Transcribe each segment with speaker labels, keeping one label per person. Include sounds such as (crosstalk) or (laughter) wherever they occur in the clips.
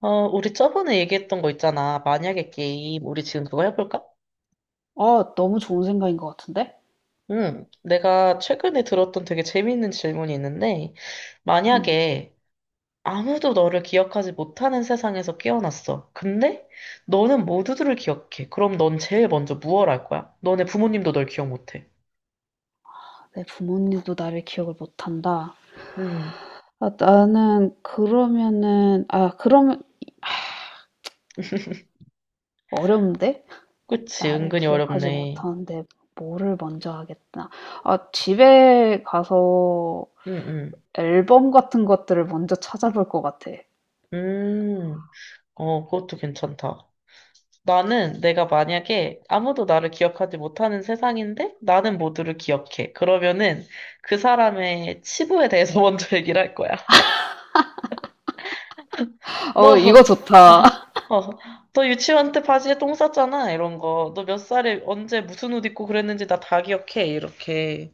Speaker 1: 어, 우리 저번에 얘기했던 거 있잖아. 만약에 게임. 우리 지금 그거 해볼까?
Speaker 2: 아, 너무 좋은 생각인 것 같은데?
Speaker 1: 응. 내가 최근에 들었던 되게 재미있는 질문이 있는데,
Speaker 2: 음,
Speaker 1: 만약에 아무도 너를 기억하지 못하는 세상에서 깨어났어. 근데 너는 모두들을 기억해. 그럼 넌 제일 먼저 무얼 할 거야? 너네 부모님도 널 기억 못해.
Speaker 2: 내 부모님도 나를 기억을 못한다.
Speaker 1: 응.
Speaker 2: 그러면
Speaker 1: (laughs)
Speaker 2: 어려운데?
Speaker 1: 그치.
Speaker 2: 나를
Speaker 1: 은근히
Speaker 2: 기억하지
Speaker 1: 어렵네.
Speaker 2: 못하는데 뭐를 먼저 하겠나? 아, 집에 가서
Speaker 1: 응, 응.
Speaker 2: 앨범 같은 것들을 먼저 찾아볼 것 같아.
Speaker 1: 음, 어, 그것도 괜찮다. 나는 내가 만약에 아무도 나를 기억하지 못하는 세상인데 나는 모두를 기억해. 그러면은 그 사람의 치부에 대해서 (laughs) 먼저 얘기를 할 거야.
Speaker 2: 어, 이거
Speaker 1: 너,
Speaker 2: 좋다. (laughs)
Speaker 1: 어, 어, 너 유치원 때 바지에 똥 쌌잖아. 이런 거. 너 몇 살에 언제 무슨 옷 입고 그랬는지 나 다 기억해. 이렇게.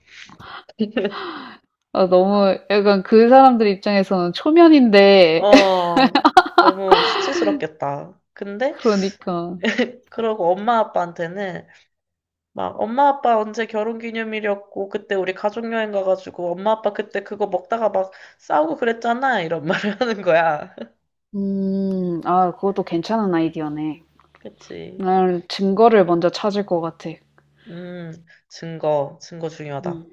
Speaker 2: 아, 너무 약간 그 사람들 입장에서는 초면인데, (laughs)
Speaker 1: 어, 너무 수치스럽겠다. 근데
Speaker 2: 그러니까.
Speaker 1: (laughs) 그러고 엄마 아빠한테는 막 엄마 아빠 언제 결혼기념일이었고 그때 우리 가족 여행 가가지고 엄마 아빠 그때 그거 먹다가 막 싸우고 그랬잖아 이런 말을 (laughs) 하는 거야. (laughs)
Speaker 2: 아, 그것도 괜찮은 아이디어네.
Speaker 1: 그치?
Speaker 2: 난 증거를 먼저 찾을 것 같아.
Speaker 1: 음 증거 증거 중요하다.
Speaker 2: 음,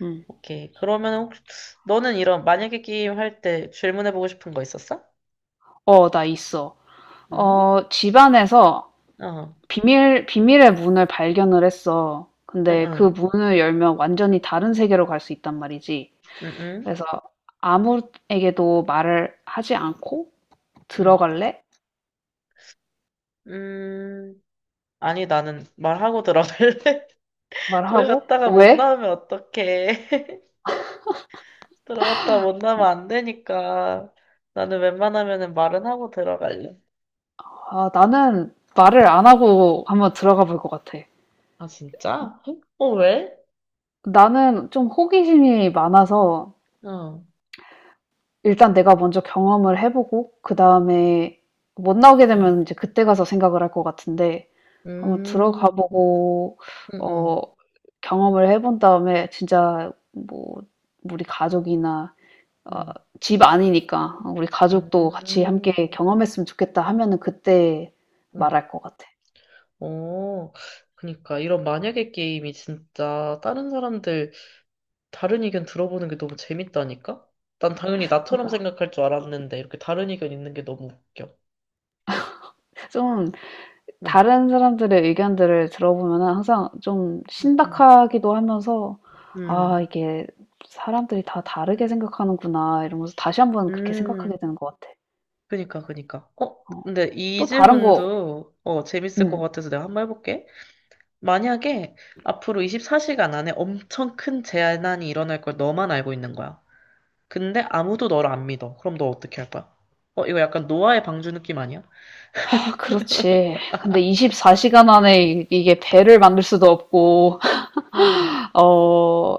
Speaker 2: 음.
Speaker 1: 오케이 그러면 혹시 너는 이런 만약에 게임 할 때 질문해보고 싶은 거 있었어?
Speaker 2: 어, 나 있어.
Speaker 1: 응?
Speaker 2: 어, 집안에서
Speaker 1: 어
Speaker 2: 비밀의 문을 발견을 했어. 근데
Speaker 1: 응응
Speaker 2: 그 문을 열면 완전히 다른 세계로 갈 수 있단 말이지.
Speaker 1: 응응 응.
Speaker 2: 그래서 아무에게도 말을 하지 않고
Speaker 1: 응,
Speaker 2: 들어갈래?
Speaker 1: 응. 아니 나는 말하고 들어갈래. (laughs) 거기
Speaker 2: 말하고
Speaker 1: 갔다가 못
Speaker 2: 왜?
Speaker 1: 나오면 어떡해. (laughs) 들어갔다 못 나면 안 되니까 나는 웬만하면은 말은 하고 들어갈래.
Speaker 2: 아, 나는 말을 안 하고 한번 들어가 볼 것 같아.
Speaker 1: 아, 진짜? 헉? 어, 왜?
Speaker 2: 나는 좀 호기심이 많아서
Speaker 1: 어,
Speaker 2: 일단 내가 먼저 경험을 해보고 그 다음에 못 나오게
Speaker 1: 어.
Speaker 2: 되면 이제 그때 가서 생각을 할 것 같은데, 한번
Speaker 1: 음,
Speaker 2: 들어가 보고
Speaker 1: 음,
Speaker 2: 어
Speaker 1: 음,
Speaker 2: 경험을 해본 다음에 진짜 뭐 우리 가족이나 어
Speaker 1: 음,
Speaker 2: 집 아니니까 '어 우리 가족도 같이 함께
Speaker 1: 음,
Speaker 2: 경험했으면 좋겠다.' 하면은 그때
Speaker 1: 음.
Speaker 2: 말할 것 같아.
Speaker 1: 어, 그니까, 이런 만약에 게임이 진짜 다른 사람들 다른 의견 들어보는 게 너무 재밌다니까? 난 당연히 나처럼
Speaker 2: 그러니까
Speaker 1: 생각할 줄 알았는데, 이렇게 다른 의견 있는 게 너무 웃겨.
Speaker 2: 좀
Speaker 1: 응,
Speaker 2: 다른 사람들의 의견들을 들어보면은 항상 좀
Speaker 1: 응, 응,
Speaker 2: 신박하기도 하면서 '아
Speaker 1: 응.
Speaker 2: 이게 사람들이 다 다르게 생각하는구나.' 이러면서 다시 한번 그렇게
Speaker 1: 응.
Speaker 2: 생각하게 되는 것 같아.
Speaker 1: 그니까, 그니까. 어,
Speaker 2: 어,
Speaker 1: 근데 이
Speaker 2: 또 다른 거.
Speaker 1: 질문도, 어,
Speaker 2: 네.
Speaker 1: 재밌을 것
Speaker 2: 음.
Speaker 1: 같아서 내가 한 번 해볼게. 만약에 앞으로 24시간 안에 엄청 큰 재난이 일어날 걸 너만 알고 있는 거야. 근데 아무도 너를 안 믿어. 그럼 너 어떻게 할 거야? 어, 이거 약간 노아의 방주 느낌 아니야?
Speaker 2: 그렇지. 근데 24시간 안에 이게 배를 만들 수도 없고,
Speaker 1: 음,
Speaker 2: (laughs) 어,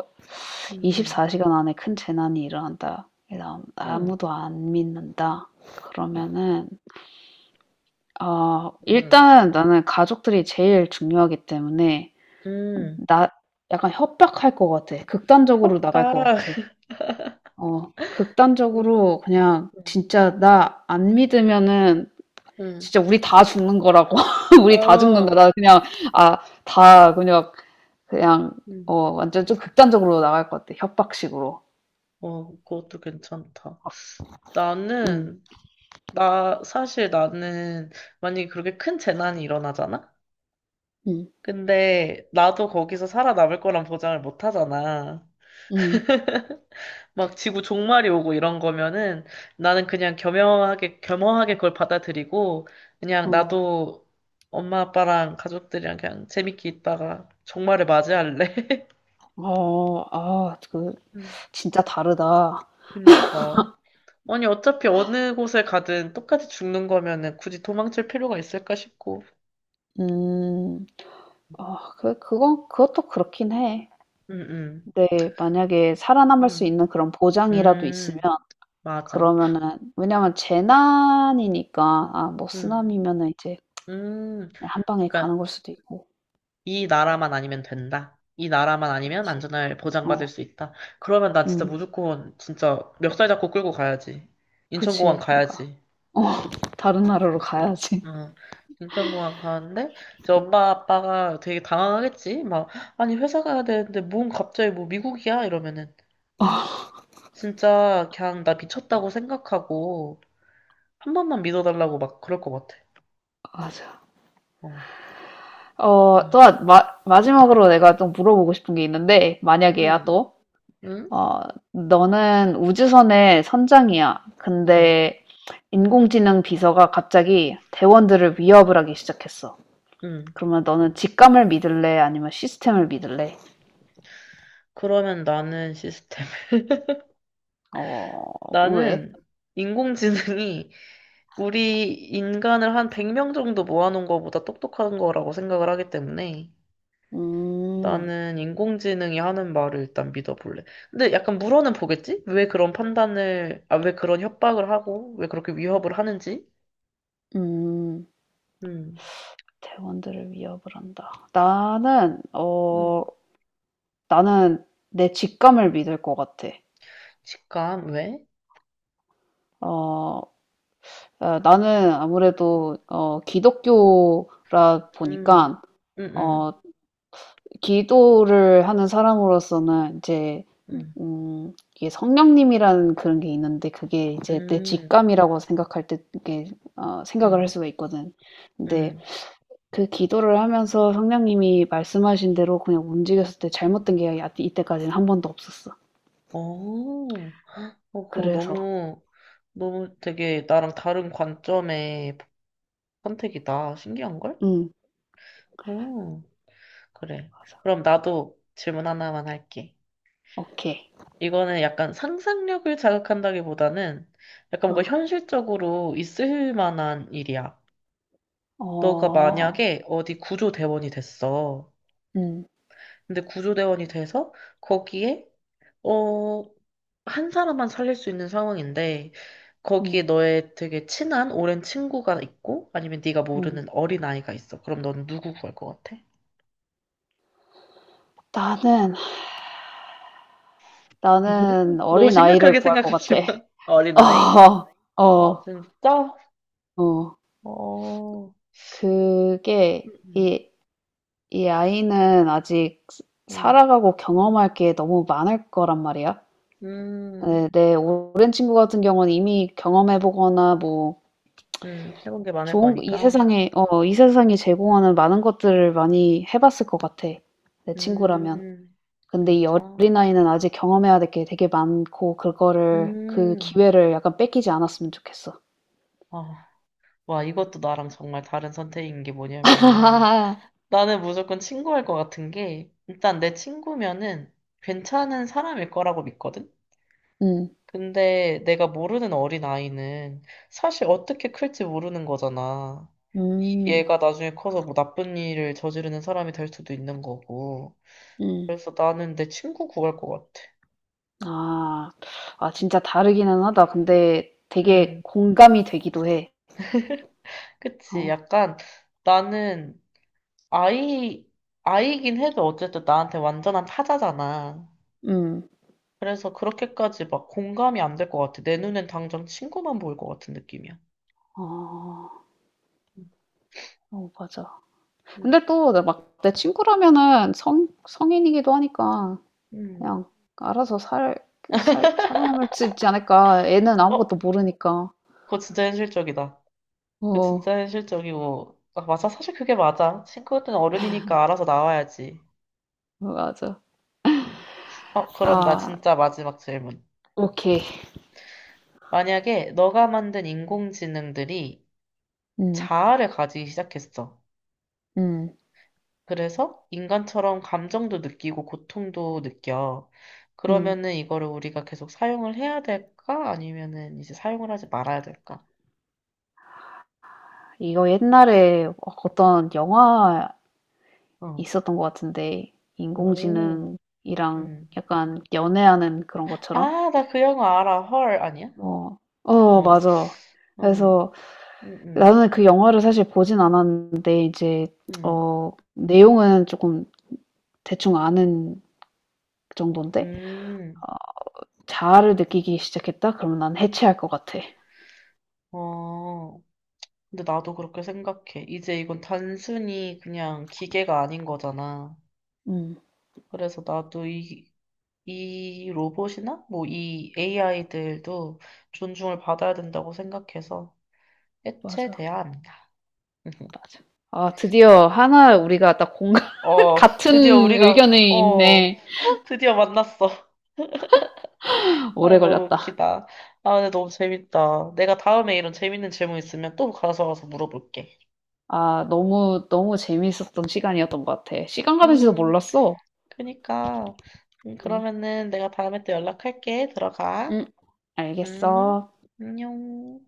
Speaker 1: 음, 음,
Speaker 2: 24시간 안에 큰 재난이 일어난다. 그다음
Speaker 1: 음,
Speaker 2: 아무도 안 믿는다.
Speaker 1: 음,
Speaker 2: 그러면은, 어,
Speaker 1: 음,
Speaker 2: 일단 나는 가족들이 제일 중요하기 때문에,
Speaker 1: 음.
Speaker 2: 나, 약간 협박할 것 같아. 극단적으로 나갈 것
Speaker 1: 협박.
Speaker 2: 같아.
Speaker 1: (laughs)
Speaker 2: 어,
Speaker 1: 음,
Speaker 2: 극단적으로 그냥
Speaker 1: 음,
Speaker 2: 진짜 나 안 믿으면은
Speaker 1: 음.
Speaker 2: 진짜 우리 다 죽는 거라고. (laughs) 우리 다 죽는다.
Speaker 1: 어,
Speaker 2: 나 그냥 아, 다 그냥 그냥
Speaker 1: 음.
Speaker 2: 어, 완전 좀 극단적으로 나갈 것 같아. 협박식으로.
Speaker 1: 어, 그것도 괜찮다.
Speaker 2: 음.
Speaker 1: 나는, 나, 사실 나는, 만약에 그렇게 큰 재난이 일어나잖아?
Speaker 2: 음.
Speaker 1: 근데, 나도 거기서 살아남을 거란 보장을 못 하잖아.
Speaker 2: 음.
Speaker 1: 막 지구 종말이 오고 이런 거면은, 나는 그냥 겸허하게, 겸허하게 그걸 받아들이고, 그냥
Speaker 2: 어.
Speaker 1: 나도 엄마, 아빠랑 가족들이랑 그냥 재밌게 있다가 종말을 맞이할래. (laughs)
Speaker 2: 어. 아, 그
Speaker 1: 음,
Speaker 2: 진짜 다르다.
Speaker 1: 그니까. 아니, 어차피 어느 곳에 가든 똑같이 죽는 거면은 굳이 도망칠 필요가 있을까 싶고.
Speaker 2: 음. 아 그건, 그것도 그렇긴 해.
Speaker 1: 응, 응,
Speaker 2: 근데 만약에 살아남을 수
Speaker 1: 응.
Speaker 2: 있는 그런 보장이라도 있으면,
Speaker 1: 음, 맞아.
Speaker 2: 그러면은, 왜냐면 재난이니까, 아 뭐
Speaker 1: 음,
Speaker 2: 쓰나미면은 이제
Speaker 1: 음.
Speaker 2: 그냥 한 방에 가는
Speaker 1: 그러니까
Speaker 2: 걸 수도 있고.
Speaker 1: 이 나라만 아니면 된다. 이 나라만 아니면
Speaker 2: 그렇지.
Speaker 1: 안전을 보장받을
Speaker 2: 어.
Speaker 1: 수 있다. 그러면 난 진짜
Speaker 2: 음.
Speaker 1: 무조건 진짜 멱살 잡고 끌고 가야지. 인천공항
Speaker 2: 그치. 그러니까
Speaker 1: 가야지.
Speaker 2: 어 다른 나라로 가야지.
Speaker 1: 응. 인천공항 가는데 이제 엄마 아빠가 되게 당황하겠지. 막 아니 회사 가야 되는데 뭔 갑자기 뭐 미국이야 이러면은
Speaker 2: 어
Speaker 1: 진짜 그냥 나 미쳤다고 생각하고 한 번만 믿어달라고 막 그럴 것 같아.
Speaker 2: 맞아.
Speaker 1: 어.
Speaker 2: 어
Speaker 1: 응.
Speaker 2: 또한 마 마지막으로 내가 또 물어보고 싶은 게 있는데, 만약에야,
Speaker 1: 응.
Speaker 2: 또
Speaker 1: 응.
Speaker 2: 어 너는 우주선의 선장이야.
Speaker 1: 응.
Speaker 2: 근데 인공지능 비서가 갑자기 대원들을 위협을 하기 시작했어.
Speaker 1: 응.
Speaker 2: 그러면 너는 직감을 믿을래, 아니면 시스템을 믿을래?
Speaker 1: 그러면 나는 시스템. (laughs)
Speaker 2: 어 왜?
Speaker 1: 나는 인공지능이 우리 인간을 한 100명 정도 모아놓은 것보다 똑똑한 거라고 생각을 하기 때문에
Speaker 2: 음.
Speaker 1: 나는 인공지능이 하는 말을 일단 믿어볼래. 근데 약간 물어는 보겠지? 왜 그런 판단을, 아, 왜 그런 협박을 하고, 왜 그렇게 위협을 하는지?
Speaker 2: 음.
Speaker 1: 음,
Speaker 2: 대원들을 위협을 한다.
Speaker 1: 음.
Speaker 2: 나는 내 직감을 믿을 것 같아.
Speaker 1: 직감, 왜?
Speaker 2: 어, 어, 나는 아무래도 어, 기독교라
Speaker 1: 음,
Speaker 2: 보니까
Speaker 1: 음, 음,
Speaker 2: 어, 기도를 하는 사람으로서는 이제
Speaker 1: 음,
Speaker 2: 이게 성령님이라는 그런 게 있는데, 그게 이제 내
Speaker 1: 음,
Speaker 2: 직감이라고 생각할 때, 이게 어, 생각을
Speaker 1: 음,
Speaker 2: 할 수가 있거든. 근데
Speaker 1: 음.
Speaker 2: 그 기도를 하면서 성령님이 말씀하신 대로 그냥 움직였을 때 잘못된 게 이때까지는 한 번도 없었어.
Speaker 1: 오. 어, 그거
Speaker 2: 그래서.
Speaker 1: 너무, 너무 되게 나랑 다른 관점의 선택이다. 신기한걸?
Speaker 2: 음
Speaker 1: 음, 그래.
Speaker 2: 맞아.
Speaker 1: 그럼 나도 질문 하나만 할게.
Speaker 2: 오케이.
Speaker 1: 이거는 약간 상상력을 자극한다기보다는 약간 뭔가
Speaker 2: 어.
Speaker 1: 현실적으로 있을 만한 일이야. 너가
Speaker 2: 어.
Speaker 1: 만약에 어디 구조대원이 됐어.
Speaker 2: 음.
Speaker 1: 근데 구조대원이 돼서 거기에, 어, 한 사람만 살릴 수 있는 상황인데,
Speaker 2: 음.
Speaker 1: 거기에 너의 되게 친한 오랜 친구가 있고 아니면 네가
Speaker 2: 음.
Speaker 1: 모르는 어린아이가 있어. 그럼 넌 누구 구할 것 같아?
Speaker 2: 나는 나는
Speaker 1: (laughs) 너무
Speaker 2: 어린아이를
Speaker 1: 심각하게
Speaker 2: 구할 것 같아.
Speaker 1: 생각하지만 (laughs) 어린아이?
Speaker 2: (laughs) 어.
Speaker 1: 아
Speaker 2: 어.
Speaker 1: 진짜?
Speaker 2: 어.
Speaker 1: 어...
Speaker 2: 그게
Speaker 1: 음,
Speaker 2: 이 아이는 아직
Speaker 1: 음,
Speaker 2: 살아가고 경험할 게 너무 많을 거란 말이야.
Speaker 1: 음, 음.
Speaker 2: 네, 내 오랜 친구 같은 경우는 이미 경험해 보거나, 뭐
Speaker 1: 음. 해본 게 많을
Speaker 2: 좋은, 이
Speaker 1: 거니까.
Speaker 2: 세상에 어 이 세상이 제공하는 많은 것들을 많이 해 봤을 것 같아, 내 친구라면.
Speaker 1: 음,
Speaker 2: 근데 이
Speaker 1: 진짜?
Speaker 2: 어린아이는 아직 경험해야 될 게 되게 많고, 그거를, 그
Speaker 1: 음.
Speaker 2: 기회를 약간 뺏기지 않았으면 좋겠어.
Speaker 1: 아, 와 이것도 나랑 정말 다른 선택인 게 뭐냐면은
Speaker 2: (laughs)
Speaker 1: 나는 무조건 친구할 것 같은 게, 일단 내 친구면은 괜찮은 사람일 거라고 믿거든?
Speaker 2: 음.
Speaker 1: 근데 내가 모르는 어린아이는 사실 어떻게 클지 모르는 거잖아.
Speaker 2: 음.
Speaker 1: 얘가 나중에 커서 뭐 나쁜 일을 저지르는 사람이 될 수도 있는 거고.
Speaker 2: 음.
Speaker 1: 그래서 나는 내 친구 구할 것 같아.
Speaker 2: 아. 아 진짜 다르기는 하다. 근데 되게
Speaker 1: 음,
Speaker 2: 공감이 되기도 해.
Speaker 1: 그치.
Speaker 2: 어.
Speaker 1: 약간 나는 아이, 아이긴 해도 어쨌든 나한테 완전한 타자잖아.
Speaker 2: 음.
Speaker 1: 그래서 그렇게까지 막 공감이 안 될 것 같아. 내 눈엔 당장 친구만 보일 것 같은 느낌이야.
Speaker 2: 어. 어 맞아.
Speaker 1: 음.
Speaker 2: 근데 또 내 친구라면은 성 성인이기도 하니까
Speaker 1: 음.
Speaker 2: 그냥 알아서 살 그 살 살아남을 수 있지 않을까. 애는
Speaker 1: 어,
Speaker 2: 아무것도 모르니까.
Speaker 1: 그거 진짜 현실적이다. 그거
Speaker 2: 어.
Speaker 1: 진짜 현실적이고. 아, 맞아. 사실 그게 맞아. 친구들은 어른이니까 알아서 나와야지.
Speaker 2: 맞아.
Speaker 1: 음. 어, 그럼 나
Speaker 2: 아.
Speaker 1: 진짜 마지막 질문.
Speaker 2: 오케이.
Speaker 1: 만약에 너가 만든 인공지능들이
Speaker 2: 음,
Speaker 1: 자아를 가지기 시작했어.
Speaker 2: 음,
Speaker 1: 그래서 인간처럼 감정도 느끼고 고통도 느껴.
Speaker 2: 음.
Speaker 1: 그러면은 이거를 우리가 계속 사용을 해야 될까? 아니면은 이제 사용을 하지 말아야 될까?
Speaker 2: 이거 옛날에 어떤
Speaker 1: 음.
Speaker 2: 영화
Speaker 1: 어.
Speaker 2: 있었던 것 같은데,
Speaker 1: 오.
Speaker 2: 인공지능이랑
Speaker 1: 음.
Speaker 2: 약간 연애하는 그런 것처럼?
Speaker 1: 아, 나 그 영화 알아. 헐, 아니야?
Speaker 2: 어, 어,
Speaker 1: 어.
Speaker 2: 맞아.
Speaker 1: 음,
Speaker 2: 그래서
Speaker 1: 음, 음,
Speaker 2: 나는 그 영화를 사실 보진 않았는데, 이제,
Speaker 1: 음,
Speaker 2: 어, 내용은 조금 대충 아는 정도인데,
Speaker 1: 음,
Speaker 2: 자아를 느끼기 시작했다? 그러면 난 해체할 것 같아.
Speaker 1: 어. 근데 나도 그렇게 생각해. 이제 이건 단순히 그냥 기계가 아닌 거잖아.
Speaker 2: 음,
Speaker 1: 그래서 나도 이, 이 로봇이나 뭐 이 AI들도 존중을 받아야 된다고 생각해서
Speaker 2: 맞아,
Speaker 1: 해체돼야 합니다. (laughs)
Speaker 2: 맞아. 아, 드디어 하나
Speaker 1: 음.
Speaker 2: 우리가 딱 공감,
Speaker 1: 어, 드디어
Speaker 2: 같은
Speaker 1: 우리가,
Speaker 2: 의견이
Speaker 1: 어,
Speaker 2: 있네.
Speaker 1: 드디어 만났어. (laughs) 아,
Speaker 2: 오래
Speaker 1: 너무
Speaker 2: 걸렸다.
Speaker 1: 웃기다. 아, 근데 너무 재밌다. 내가 다음에 이런 재밌는 질문 있으면 또 가서 물어볼게.
Speaker 2: 아, 너무 재미있었던 시간이었던 것 같아. 시간 가는지도
Speaker 1: 음,
Speaker 2: 몰랐어.
Speaker 1: 그니까.
Speaker 2: 응,
Speaker 1: 그러면은 내가 다음에 또 연락할게. 들어가.
Speaker 2: 응, 알겠어.
Speaker 1: 음, 안녕.